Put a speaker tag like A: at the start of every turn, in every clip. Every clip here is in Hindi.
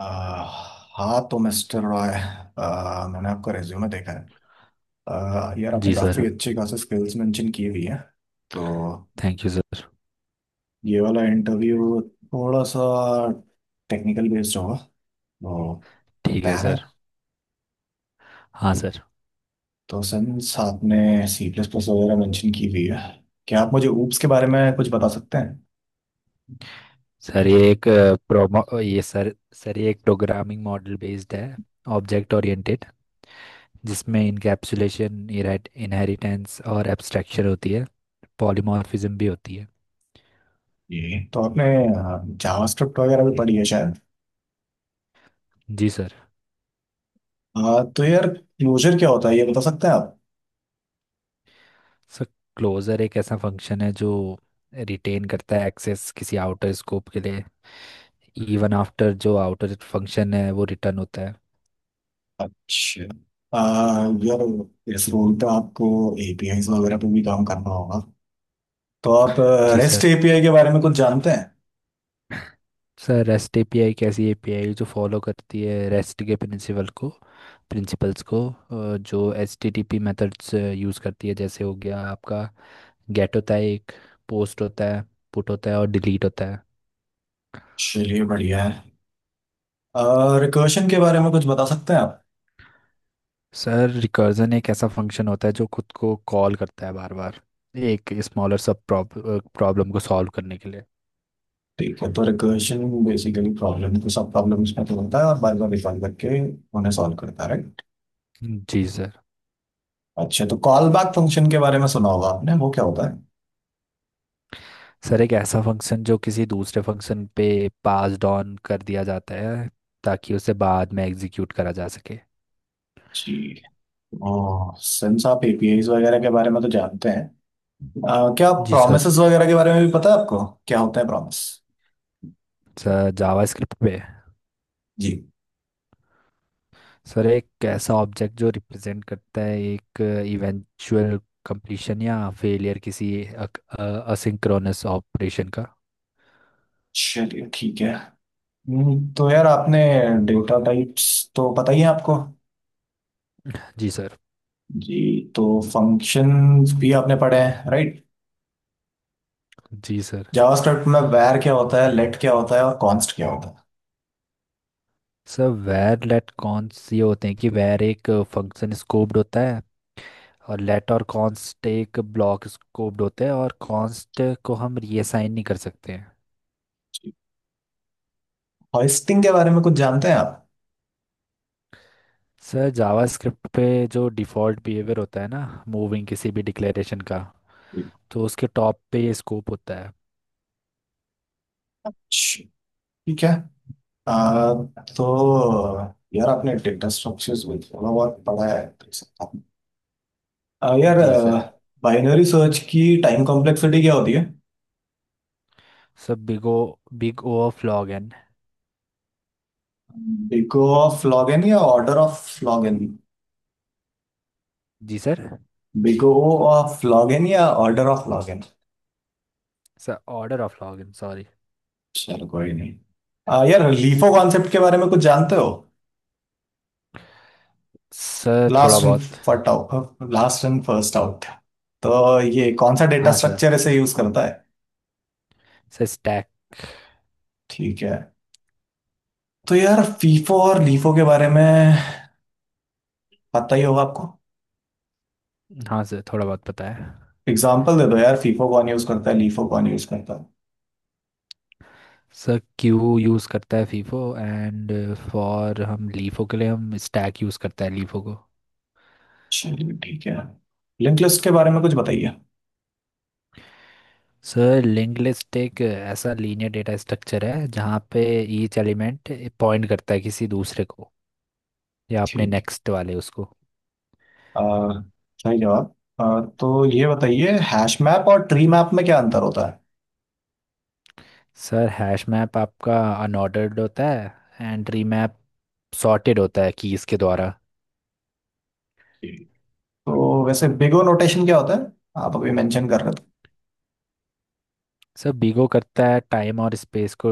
A: हाँ तो मिस्टर रॉय। मैंने आपका रिज्यूमे देखा है। यार आपने
B: जी सर।
A: काफ़ी अच्छी खासी स्किल्स मेंशन की हुई है। तो
B: थैंक यू सर।
A: ये वाला इंटरव्यू थोड़ा सा टेक्निकल बेस्ड होगा, तो
B: ठीक है
A: तैयार है?
B: सर। हाँ सर।
A: तो सिंस आपने सी प्लस प्लस वगैरह मेंशन की हुई है, क्या आप मुझे ऊप्स के बारे में कुछ बता सकते हैं?
B: सर ये एक प्रोमो ये सर सर ये एक प्रोग्रामिंग मॉडल बेस्ड है। Object oriented. जिसमें इनकैप्सुलेशन इनहेरिटेंस और एब्स्ट्रैक्शन होती है। पॉलीमॉर्फिज्म भी होती है।
A: ये तो आपने जावास्क्रिप्ट वगैरह भी पढ़ी है शायद।
B: जी सर।
A: तो यार क्लोजर क्या होता है ये बता सकते हैं आप?
B: सर क्लोजर एक ऐसा फंक्शन है जो रिटेन करता है एक्सेस किसी आउटर स्कोप के लिए इवन आफ्टर जो आउटर फंक्शन है वो रिटर्न होता है।
A: अच्छा। आ, यार इस रोल पे आपको एपीआईज वगैरह पे भी काम करना होगा, तो आप
B: जी
A: रेस्ट
B: सर।
A: एपीआई के बारे में कुछ जानते हैं?
B: सर रेस्ट एपीआई कैसी एपीआई जो फॉलो करती है रेस्ट के प्रिंसिपल्स को जो एचटीटीपी मेथड्स यूज़ करती है जैसे हो गया आपका गेट होता है एक पोस्ट होता है पुट होता है और डिलीट होता है।
A: चलिए बढ़िया है। रिकर्शन के बारे में कुछ बता सकते हैं आप?
B: सर रिकर्जन एक ऐसा फंक्शन होता है जो खुद को कॉल करता है बार बार एक स्मॉलर सब प्रॉब्लम को सॉल्व करने के लिए।
A: ठीक है, तो रिकर्शन बेसिकली प्रॉब्लम को सब प्रॉब्लम्स में तो होता है और बार बार रिकॉल करके उन्हें सॉल्व करता है, राइट?
B: जी सर।
A: अच्छा, तो कॉल बैक फंक्शन के बारे में सुना होगा आपने, वो क्या होता है?
B: सर एक ऐसा फंक्शन जो किसी दूसरे फंक्शन पे पास्ड ऑन कर दिया जाता है ताकि उसे बाद में एग्जीक्यूट करा जा सके।
A: जी। ओ सिंस आप एपीआईज वगैरह के बारे में तो जानते हैं, क्या
B: जी सर।
A: प्रॉमिसेस वगैरह के बारे में भी पता है आपको? क्या होता है प्रॉमिस?
B: सर जावास्क्रिप्ट पे।
A: जी।
B: सर एक ऐसा ऑब्जेक्ट जो रिप्रेजेंट करता है एक इवेंचुअल कंप्लीशन या फेलियर किसी असिंक्रोनस ऑपरेशन का।
A: चलिए ठीक है। तो यार आपने डेटा टाइप्स तो पता ही है आपको।
B: जी सर।
A: जी। तो फंक्शंस भी आपने पढ़े हैं, राइट?
B: जी सर।
A: जावास्क्रिप्ट में वैर क्या होता है, लेट क्या होता है और कॉन्स्ट क्या होता है?
B: सर वेर लेट कॉन्स ये होते हैं कि वेर एक फंक्शन स्कोप्ड होता है और लेट और कॉन्स्ट एक ब्लॉक स्कोप्ड होते हैं और कॉन्स्ट को हम रीअसाइन नहीं कर सकते हैं।
A: जी। होस्टिंग के बारे में कुछ जानते हैं आप?
B: सर जावास्क्रिप्ट पे जो डिफ़ॉल्ट बिहेवियर होता है ना मूविंग किसी भी डिक्लेरेशन का
A: जी।
B: तो उसके टॉप पे ये स्कोप होता है।
A: च- ठीक है। आ, तो यार आपने डेटा स्ट्रक्चर्स भी थोड़ा बहुत पढ़ा है तो यार
B: जी सर।
A: बाइनरी सर्च की टाइम कॉम्प्लेक्सिटी क्या होती है?
B: Sir big O of log n.
A: Big O of log n या ऑर्डर ऑफ लॉग एन?
B: जी सर।
A: बिगो ऑफ लॉगिन या order of log n?
B: Sir order of log n sorry.
A: चलो कोई नहीं। यार लीफो कॉन्सेप्ट के बारे में कुछ जानते हो?
B: सर थोड़ा
A: लास्ट इन
B: बहुत।
A: First out, last in first out, तो ये कौन सा डेटा
B: हाँ सर।
A: स्ट्रक्चर ऐसे यूज करता है?
B: Sir stack.
A: ठीक है। तो यार फीफो और लीफो के बारे में पता ही होगा आपको।
B: हाँ सर थोड़ा बहुत पता है।
A: एग्जाम्पल दे दो यार, फीफो कौन यूज करता है, लीफो कौन यूज करता है?
B: सर क्यू यूज़ करता है फीफो एंड फॉर हम लीफो के लिए हम स्टैक यूज़ करता है लीफो को।
A: चलिए ठीक है। लिंक लिस्ट के बारे में कुछ बताइए।
B: सर लिंक लिस्ट एक ऐसा लीनियर डेटा स्ट्रक्चर है जहाँ पे ईच एलिमेंट पॉइंट करता है किसी दूसरे को या अपने
A: ठीक है।
B: नेक्स्ट वाले उसको।
A: अह, सही जवाब। तो ये बताइए हैश मैप और ट्री मैप में क्या अंतर होता है?
B: सर हैश मैप आपका अनऑर्डर्ड होता है एंड ट्री मैप सॉर्टेड होता है कीज़ के द्वारा।
A: जी। तो वैसे बिग ओ नोटेशन क्या होता है, आप अभी मेंशन कर रहे थे?
B: सर बीगो करता है टाइम और स्पेस को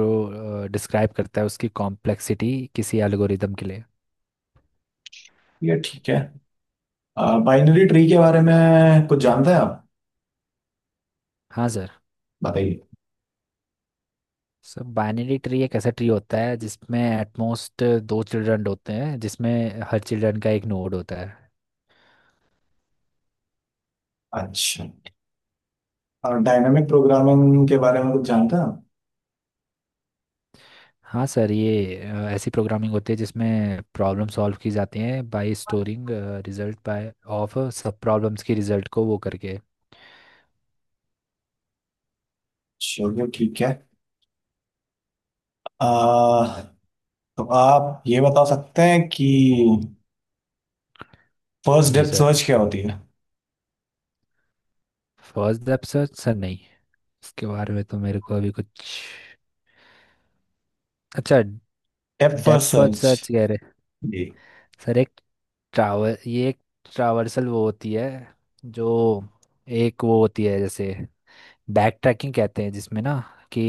B: डिस्क्राइब करता है उसकी कॉम्प्लेक्सिटी किसी एल्गोरिदम के लिए।
A: ये ठीक है। बाइनरी ट्री के बारे में कुछ जानते हैं आप?
B: हाँ सर।
A: बताइए।
B: सर बाइनरी ट्री एक ऐसा ट्री होता है जिसमें एटमोस्ट दो चिल्ड्रन होते हैं जिसमें हर चिल्ड्रन का एक नोड होता है।
A: अच्छा। और डायनामिक प्रोग्रामिंग के बारे में कुछ जानते हैं आप?
B: हाँ सर ये ऐसी प्रोग्रामिंग होती है जिसमें प्रॉब्लम सॉल्व की जाती है by storing result by of subproblems की रिजल्ट को वो करके।
A: चलिए ठीक है। अह, तो आप ये बता सकते हैं कि फर्स्ट
B: जी
A: डेप्थ
B: सर।
A: सर्च क्या होती है?
B: फर्स्ट डेप्थ सर्च सर नहीं इसके बारे में तो मेरे को अभी कुछ। अच्छा।
A: Depth first
B: depth first
A: search.
B: Search कह रहे।
A: जी।
B: सर एक ट्रावर ये एक ट्रावर्सल वो होती है जो एक वो होती है जैसे बैक ट्रैकिंग कहते हैं जिसमें ना कि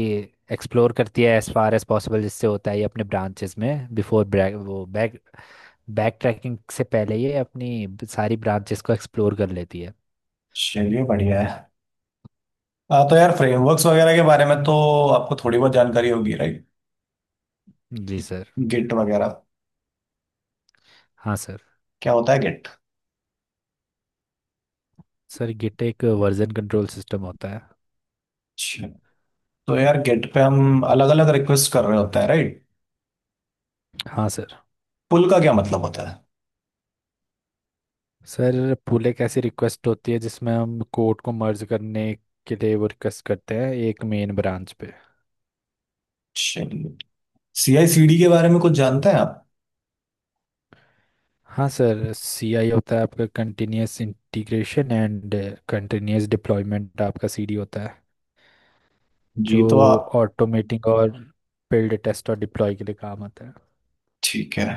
B: एक्सप्लोर करती है एज फार एज पॉसिबल जिससे होता है ये अपने ब्रांचेस में बिफोर ब्रैक वो बैक बैक ट्रैकिंग से पहले ये अपनी सारी ब्रांचेस को एक्सप्लोर कर लेती है।
A: चलिए बढ़िया है। हाँ, तो यार फ्रेमवर्क्स वगैरह के बारे में तो आपको थोड़ी बहुत जानकारी होगी, राइट?
B: जी सर।
A: गिट वगैरह।
B: हाँ सर।
A: क्या होता है गिट?
B: सर गिट एक वर्जन कंट्रोल सिस्टम होता है।
A: अच्छा। तो यार गिट पे हम अलग अलग रिक्वेस्ट कर रहे होते हैं, राइट?
B: हाँ सर।
A: पुल का क्या मतलब होता है?
B: सर पूले कैसी रिक्वेस्ट होती है जिसमें हम कोर्ट को मर्ज करने के लिए वो रिक्वेस्ट करते हैं एक मेन ब्रांच पे।
A: चलिए। सी आई सी डी के बारे में कुछ जानते हैं आप?
B: हाँ सर सीआई होता है आपका continuous integration and continuous deployment आपका सीडी होता है
A: जी।
B: जो
A: तो आप,
B: ऑटोमेटिंग और बिल्ड टेस्ट और डिप्लॉय के लिए काम आता है।
A: ठीक है।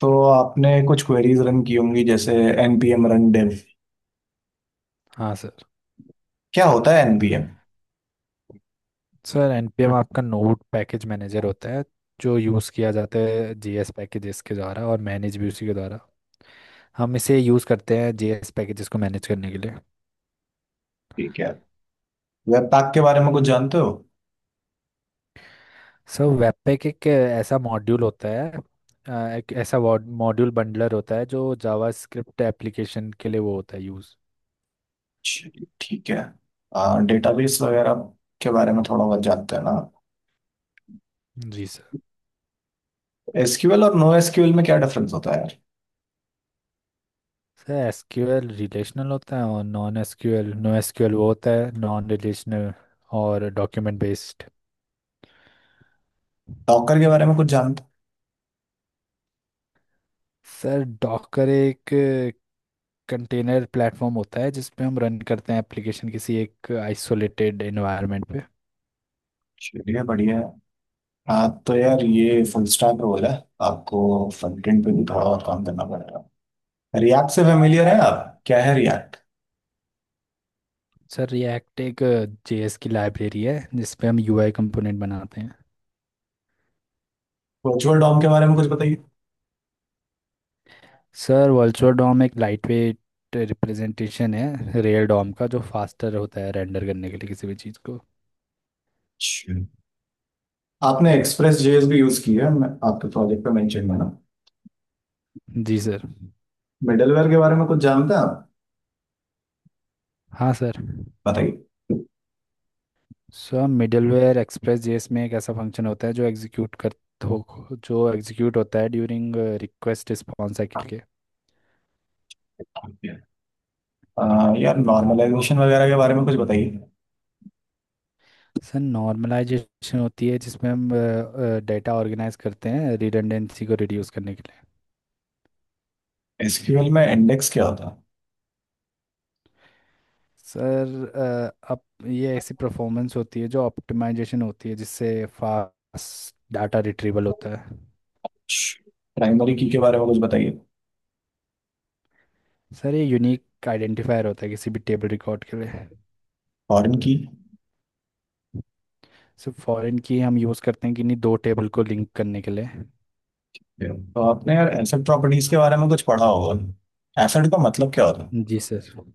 A: तो आपने कुछ क्वेरीज रन की होंगी जैसे npm run dev।
B: हाँ सर।
A: क्या होता है npm?
B: सर एनपीएम आपका नोड पैकेज मैनेजर होता है जो यूज़ किया जाता है जीएस पैकेजेस के द्वारा और मैनेज भी उसी के द्वारा हम इसे यूज़ करते हैं जीएस पैकेजेस को मैनेज करने के लिए।
A: ठीक है। वेब पैक के बारे में कुछ जानते हो?
B: सो वेबपैक एक ऐसा मॉड्यूल होता है एक ऐसा मॉड्यूल बंडलर होता है जो जावास्क्रिप्ट एप्लीकेशन के लिए वो होता है यूज़।
A: चलिए ठीक है। डेटाबेस वगैरह के बारे में थोड़ा बहुत जानते हैं ना।
B: जी सर।
A: एसक्यूएल और नो एसक्यूएल में क्या डिफरेंस होता है यार?
B: सर एसक्यूएल रिलेशनल होता है और नॉन एसक्यूएल नो एसक्यूएल वो होता है नॉन रिलेशनल और डॉक्यूमेंट बेस्ड।
A: डॉकर के बारे में कुछ जानते हो?
B: सर डॉकर एक कंटेनर प्लेटफॉर्म होता है जिसपे हम रन करते हैं एप्लीकेशन किसी एक आइसोलेटेड एनवायरनमेंट पे।
A: चलिए बढ़िया है। हाँ, तो यार ये फुल स्टैक रोल है, आपको फ्रंट एंड पे भी थोड़ा और काम करना पड़ेगा। रिएक्ट से फेमिलियर है आप? क्या है रिएक्ट?
B: सर रिएक्ट एक जेएस की लाइब्रेरी है जिसपे हम यूआई कंपोनेंट बनाते हैं।
A: वर्चुअल डॉम के बारे में कुछ बताइए।
B: सर वर्चुअल डॉम एक लाइटवेट रिप्रेजेंटेशन है रियल डॉम का जो फास्टर होता है रेंडर करने के लिए किसी भी चीज़ को।
A: अच्छा। आपने एक्सप्रेस जेएस भी यूज की है आपके प्रोजेक्ट पे मेंशन है ना।
B: जी सर।
A: मिडलवेयर के बारे में कुछ जानते हैं आप?
B: हाँ सर।
A: बताइए।
B: सर मिडलवेयर एक्सप्रेस जेएस में एक ऐसा फंक्शन होता है जो एग्जीक्यूट कर हो जो एग्जीक्यूट होता है ड्यूरिंग रिक्वेस्ट रिस्पॉन्स साइकिल के।
A: यार नॉर्मलाइजेशन वगैरह के बारे में कुछ बताइए।
B: सर नॉर्मलाइजेशन होती है जिसमें हम डेटा ऑर्गेनाइज करते हैं रिडंडेंसी को रिड्यूस करने के लिए।
A: एसक्यूएल में इंडेक्स क्या होता है?
B: सर अ, अप ये ऐसी परफॉर्मेंस होती है जो ऑप्टिमाइजेशन होती है जिससे फास्ट डाटा रिट्रीवल होता है।
A: प्राइमरी की के बारे में कुछ बताइए।
B: सर ये यूनिक आइडेंटिफायर होता है किसी भी टेबल रिकॉर्ड के लिए।
A: Foreign key.
B: Sir foreign key हम यूज़ करते हैं किन्हीं दो टेबल को लिंक करने के लिए।
A: Yeah. तो आपने यार एसेट प्रॉपर्टीज के बारे में कुछ पढ़ा होगा, एसेट का मतलब क्या होता
B: जी सर।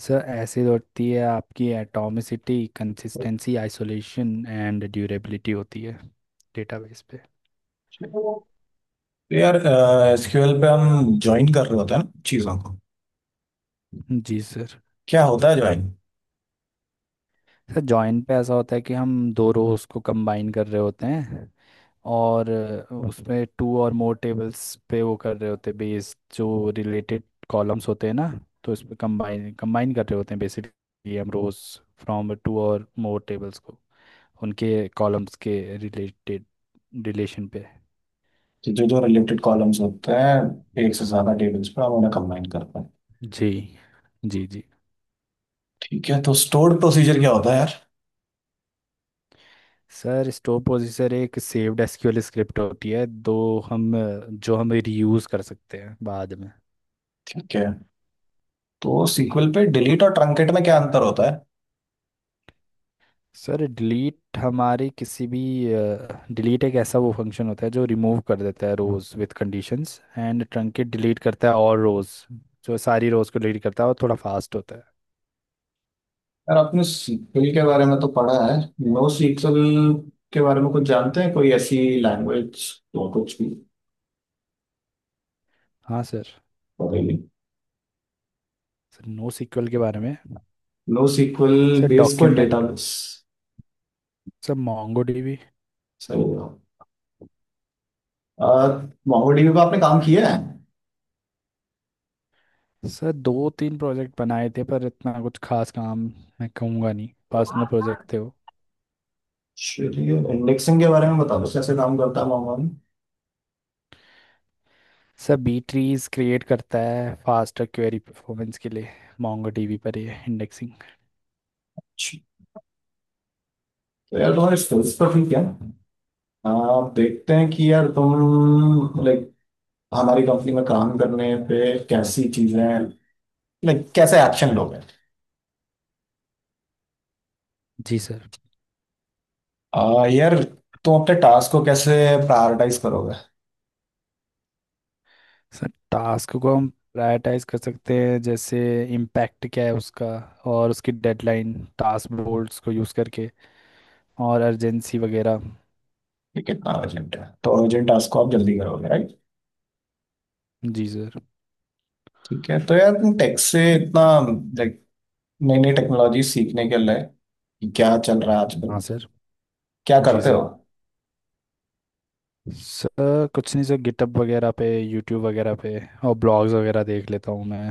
B: सर ऐसी होती है आपकी एटॉमिसिटी
A: है?
B: कंसिस्टेंसी आइसोलेशन एंड ड्यूरेबिलिटी होती है डेटाबेस पे।
A: तो यार एसक्यूएल पे हम ज्वाइन कर रहे होते हैं ना चीजों को।
B: जी सर।
A: क्या होता है ज्वाइन?
B: सर जॉइन पे ऐसा होता है कि हम दो रोज को कंबाइन कर रहे होते हैं और उसमें टू और मोर टेबल्स पे वो कर रहे होते हैं बेस जो रिलेटेड कॉलम्स होते हैं ना तो इस पे कंबाइन कंबाइन कर रहे होते हैं बेसिकली हम रोज फ्रॉम टू और मोर टेबल्स को उनके कॉलम्स के रिलेटेड रिलेशन पे।
A: जो जो रिलेटेड कॉलम्स होते हैं एक से ज्यादा टेबल्स पे, हम उन्हें कंबाइन करते हैं।
B: जी। जी जी।
A: ठीक है, तो स्टोर्ड प्रोसीजर क्या होता है यार?
B: सर स्टोर पोजीशनर एक सेव्ड एसक्यूएल स्क्रिप्ट होती है दो हम जो हम रीयूज़ कर सकते हैं बाद में।
A: ठीक है। तो सीक्वल पे डिलीट और ट्रंकेट में क्या अंतर होता है?
B: सर डिलीट हमारे किसी भी डिलीट एक ऐसा वो फंक्शन होता है जो रिमूव कर देता है rows with conditions and truncate delete करता है और रोज़ जो सारी रोज़ को डिलीट करता है और थोड़ा फास्ट होता है।
A: यार आपने सीक्वल के बारे में तो पढ़ा है, नो सीक्वल के बारे में कुछ जानते हैं? कोई ऐसी लैंग्वेज तो कुछ भी
B: हाँ सर।
A: पता ही नहीं।
B: सर नो सीक्वल के बारे में।
A: NoSQL
B: सर
A: बेस्ड कोई
B: document.
A: Database?
B: Sir Mongo DB.
A: सही है। मोंगोडीबी पे आपने काम किया है?
B: सर दो तीन प्रोजेक्ट बनाए थे पर इतना कुछ खास काम मैं कहूँगा नहीं पर्सनल प्रोजेक्ट थे वो।
A: चलिए इंडेक्सिंग के बारे में बता दो, कैसे काम करता है MongoDB.
B: Sir B trees create करता है फास्टर क्वेरी परफॉर्मेंस के लिए मोंगो डीबी पर ये इंडेक्सिंग।
A: तो यार तुम्हारे स्किल्स तो ठीक है। आप देखते हैं कि यार तुम लाइक हमारी कंपनी में काम करने पे कैसी चीजें, लाइक कैसे एक्शन लोगे?
B: जी सर।
A: यार तुम अपने टास्क को कैसे प्रायोरिटाइज करोगे?
B: सर टास्क को हम प्रायोरिटाइज कर सकते हैं जैसे इम्पैक्ट क्या है उसका और उसकी डेडलाइन टास्क बोर्ड्स को यूज़ करके और अर्जेंसी वगैरह।
A: ये कितना अर्जेंट है, तो अर्जेंट टास्क को आप जल्दी करोगे, राइट?
B: जी सर।
A: ठीक है। तो यार तुम टेक से इतना, लाइक नई नई टेक्नोलॉजी सीखने के लिए कि क्या चल रहा है
B: हाँ
A: आजकल,
B: सर।
A: क्या
B: जी
A: करते हो?
B: सर। सर कुछ नहीं सर गिटअप वगैरह पे यूट्यूब वगैरह पे और ब्लॉग्स वगैरह देख लेता हूँ मैं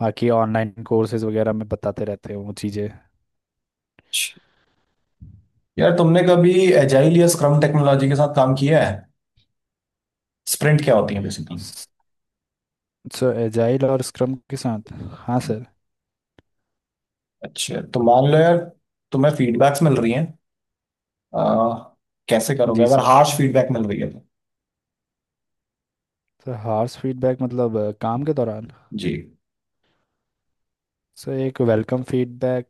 B: बाकी ऑनलाइन कोर्सेज वगैरह में बताते रहते हैं वो चीज़ें।
A: अच्छा। यार तुमने कभी एजाइल या स्क्रम टेक्नोलॉजी के साथ काम किया है? स्प्रिंट क्या होती है बेसिकली?
B: सर एजाइल और स्क्रम के साथ। हाँ सर।
A: अच्छा, तो मान लो यार तुम्हें फीडबैक्स मिल रही हैं, आ, कैसे करोगे
B: जी
A: अगर
B: सर।
A: हार्श फीडबैक मिल रही है तो?
B: सर हार्स फीडबैक मतलब काम के दौरान।
A: जी।
B: सर एक वेलकम फीडबैक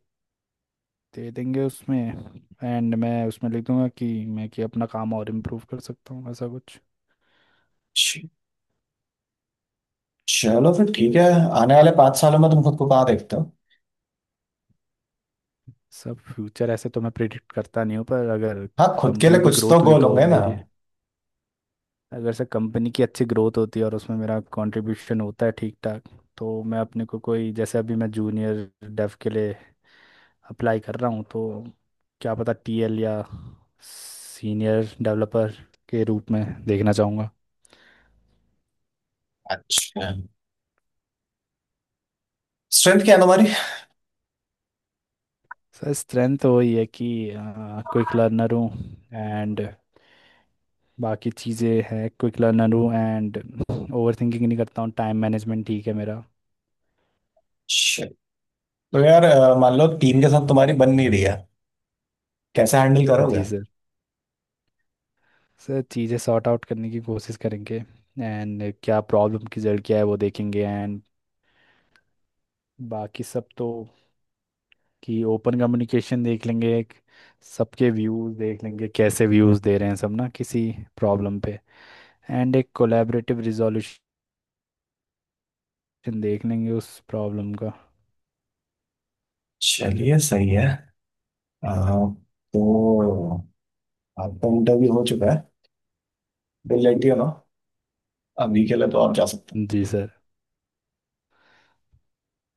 B: दे देंगे उसमें एंड मैं उसमें लिख दूंगा कि मैं कि अपना काम और इम्प्रूव कर सकता हूँ ऐसा कुछ।
A: च- चलो फिर ठीक है। आने वाले 5 सालों में तुम खुद को कहाँ देखते हो?
B: सब फ्यूचर ऐसे तो मैं प्रिडिक्ट करता नहीं हूँ पर अगर
A: हाँ खुद के लिए
B: कंपनी की
A: कुछ तो
B: ग्रोथ हुई
A: गोल
B: तो
A: होंगे ना।
B: मेरे अगर से कंपनी की अच्छी ग्रोथ होती है और उसमें मेरा कंट्रीब्यूशन होता है ठीक ठाक तो मैं अपने को कोई जैसे अभी मैं जूनियर डेव के लिए अप्लाई कर रहा हूँ तो क्या पता टीएल या सीनियर डेवलपर के रूप में देखना चाहूँगा।
A: अच्छा। स्ट्रेंथ क्या है तुम्हारी?
B: सर स्ट्रेंथ तो वही है कि क्विक लर्नर हूँ एंड बाकी चीज़ें हैं क्विक लर्नर हूँ एंड ओवर थिंकिंग नहीं करता हूँ टाइम मैनेजमेंट ठीक है मेरा।
A: अच्छा। तो यार मान लो टीम के साथ तुम्हारी बन नहीं रही है, कैसे हैंडल करोगे?
B: जी सर। सर चीज़ें सॉर्ट आउट करने की कोशिश करेंगे एंड क्या प्रॉब्लम की जड़ क्या है वो देखेंगे एंड बाकी सब तो कि ओपन कम्युनिकेशन देख लेंगे एक सबके व्यूज़ देख लेंगे कैसे व्यूज़ दे रहे हैं सब ना किसी प्रॉब्लम पे एंड एक कोलैबोरेटिव रिजोल्यूशन देख लेंगे उस प्रॉब्लम का।
A: चलिए सही है। आ, तो आपका इंटरव्यू हो चुका है, दिल लेटी हो ना। अभी के लिए तो आप जा सकते हो।
B: जी सर।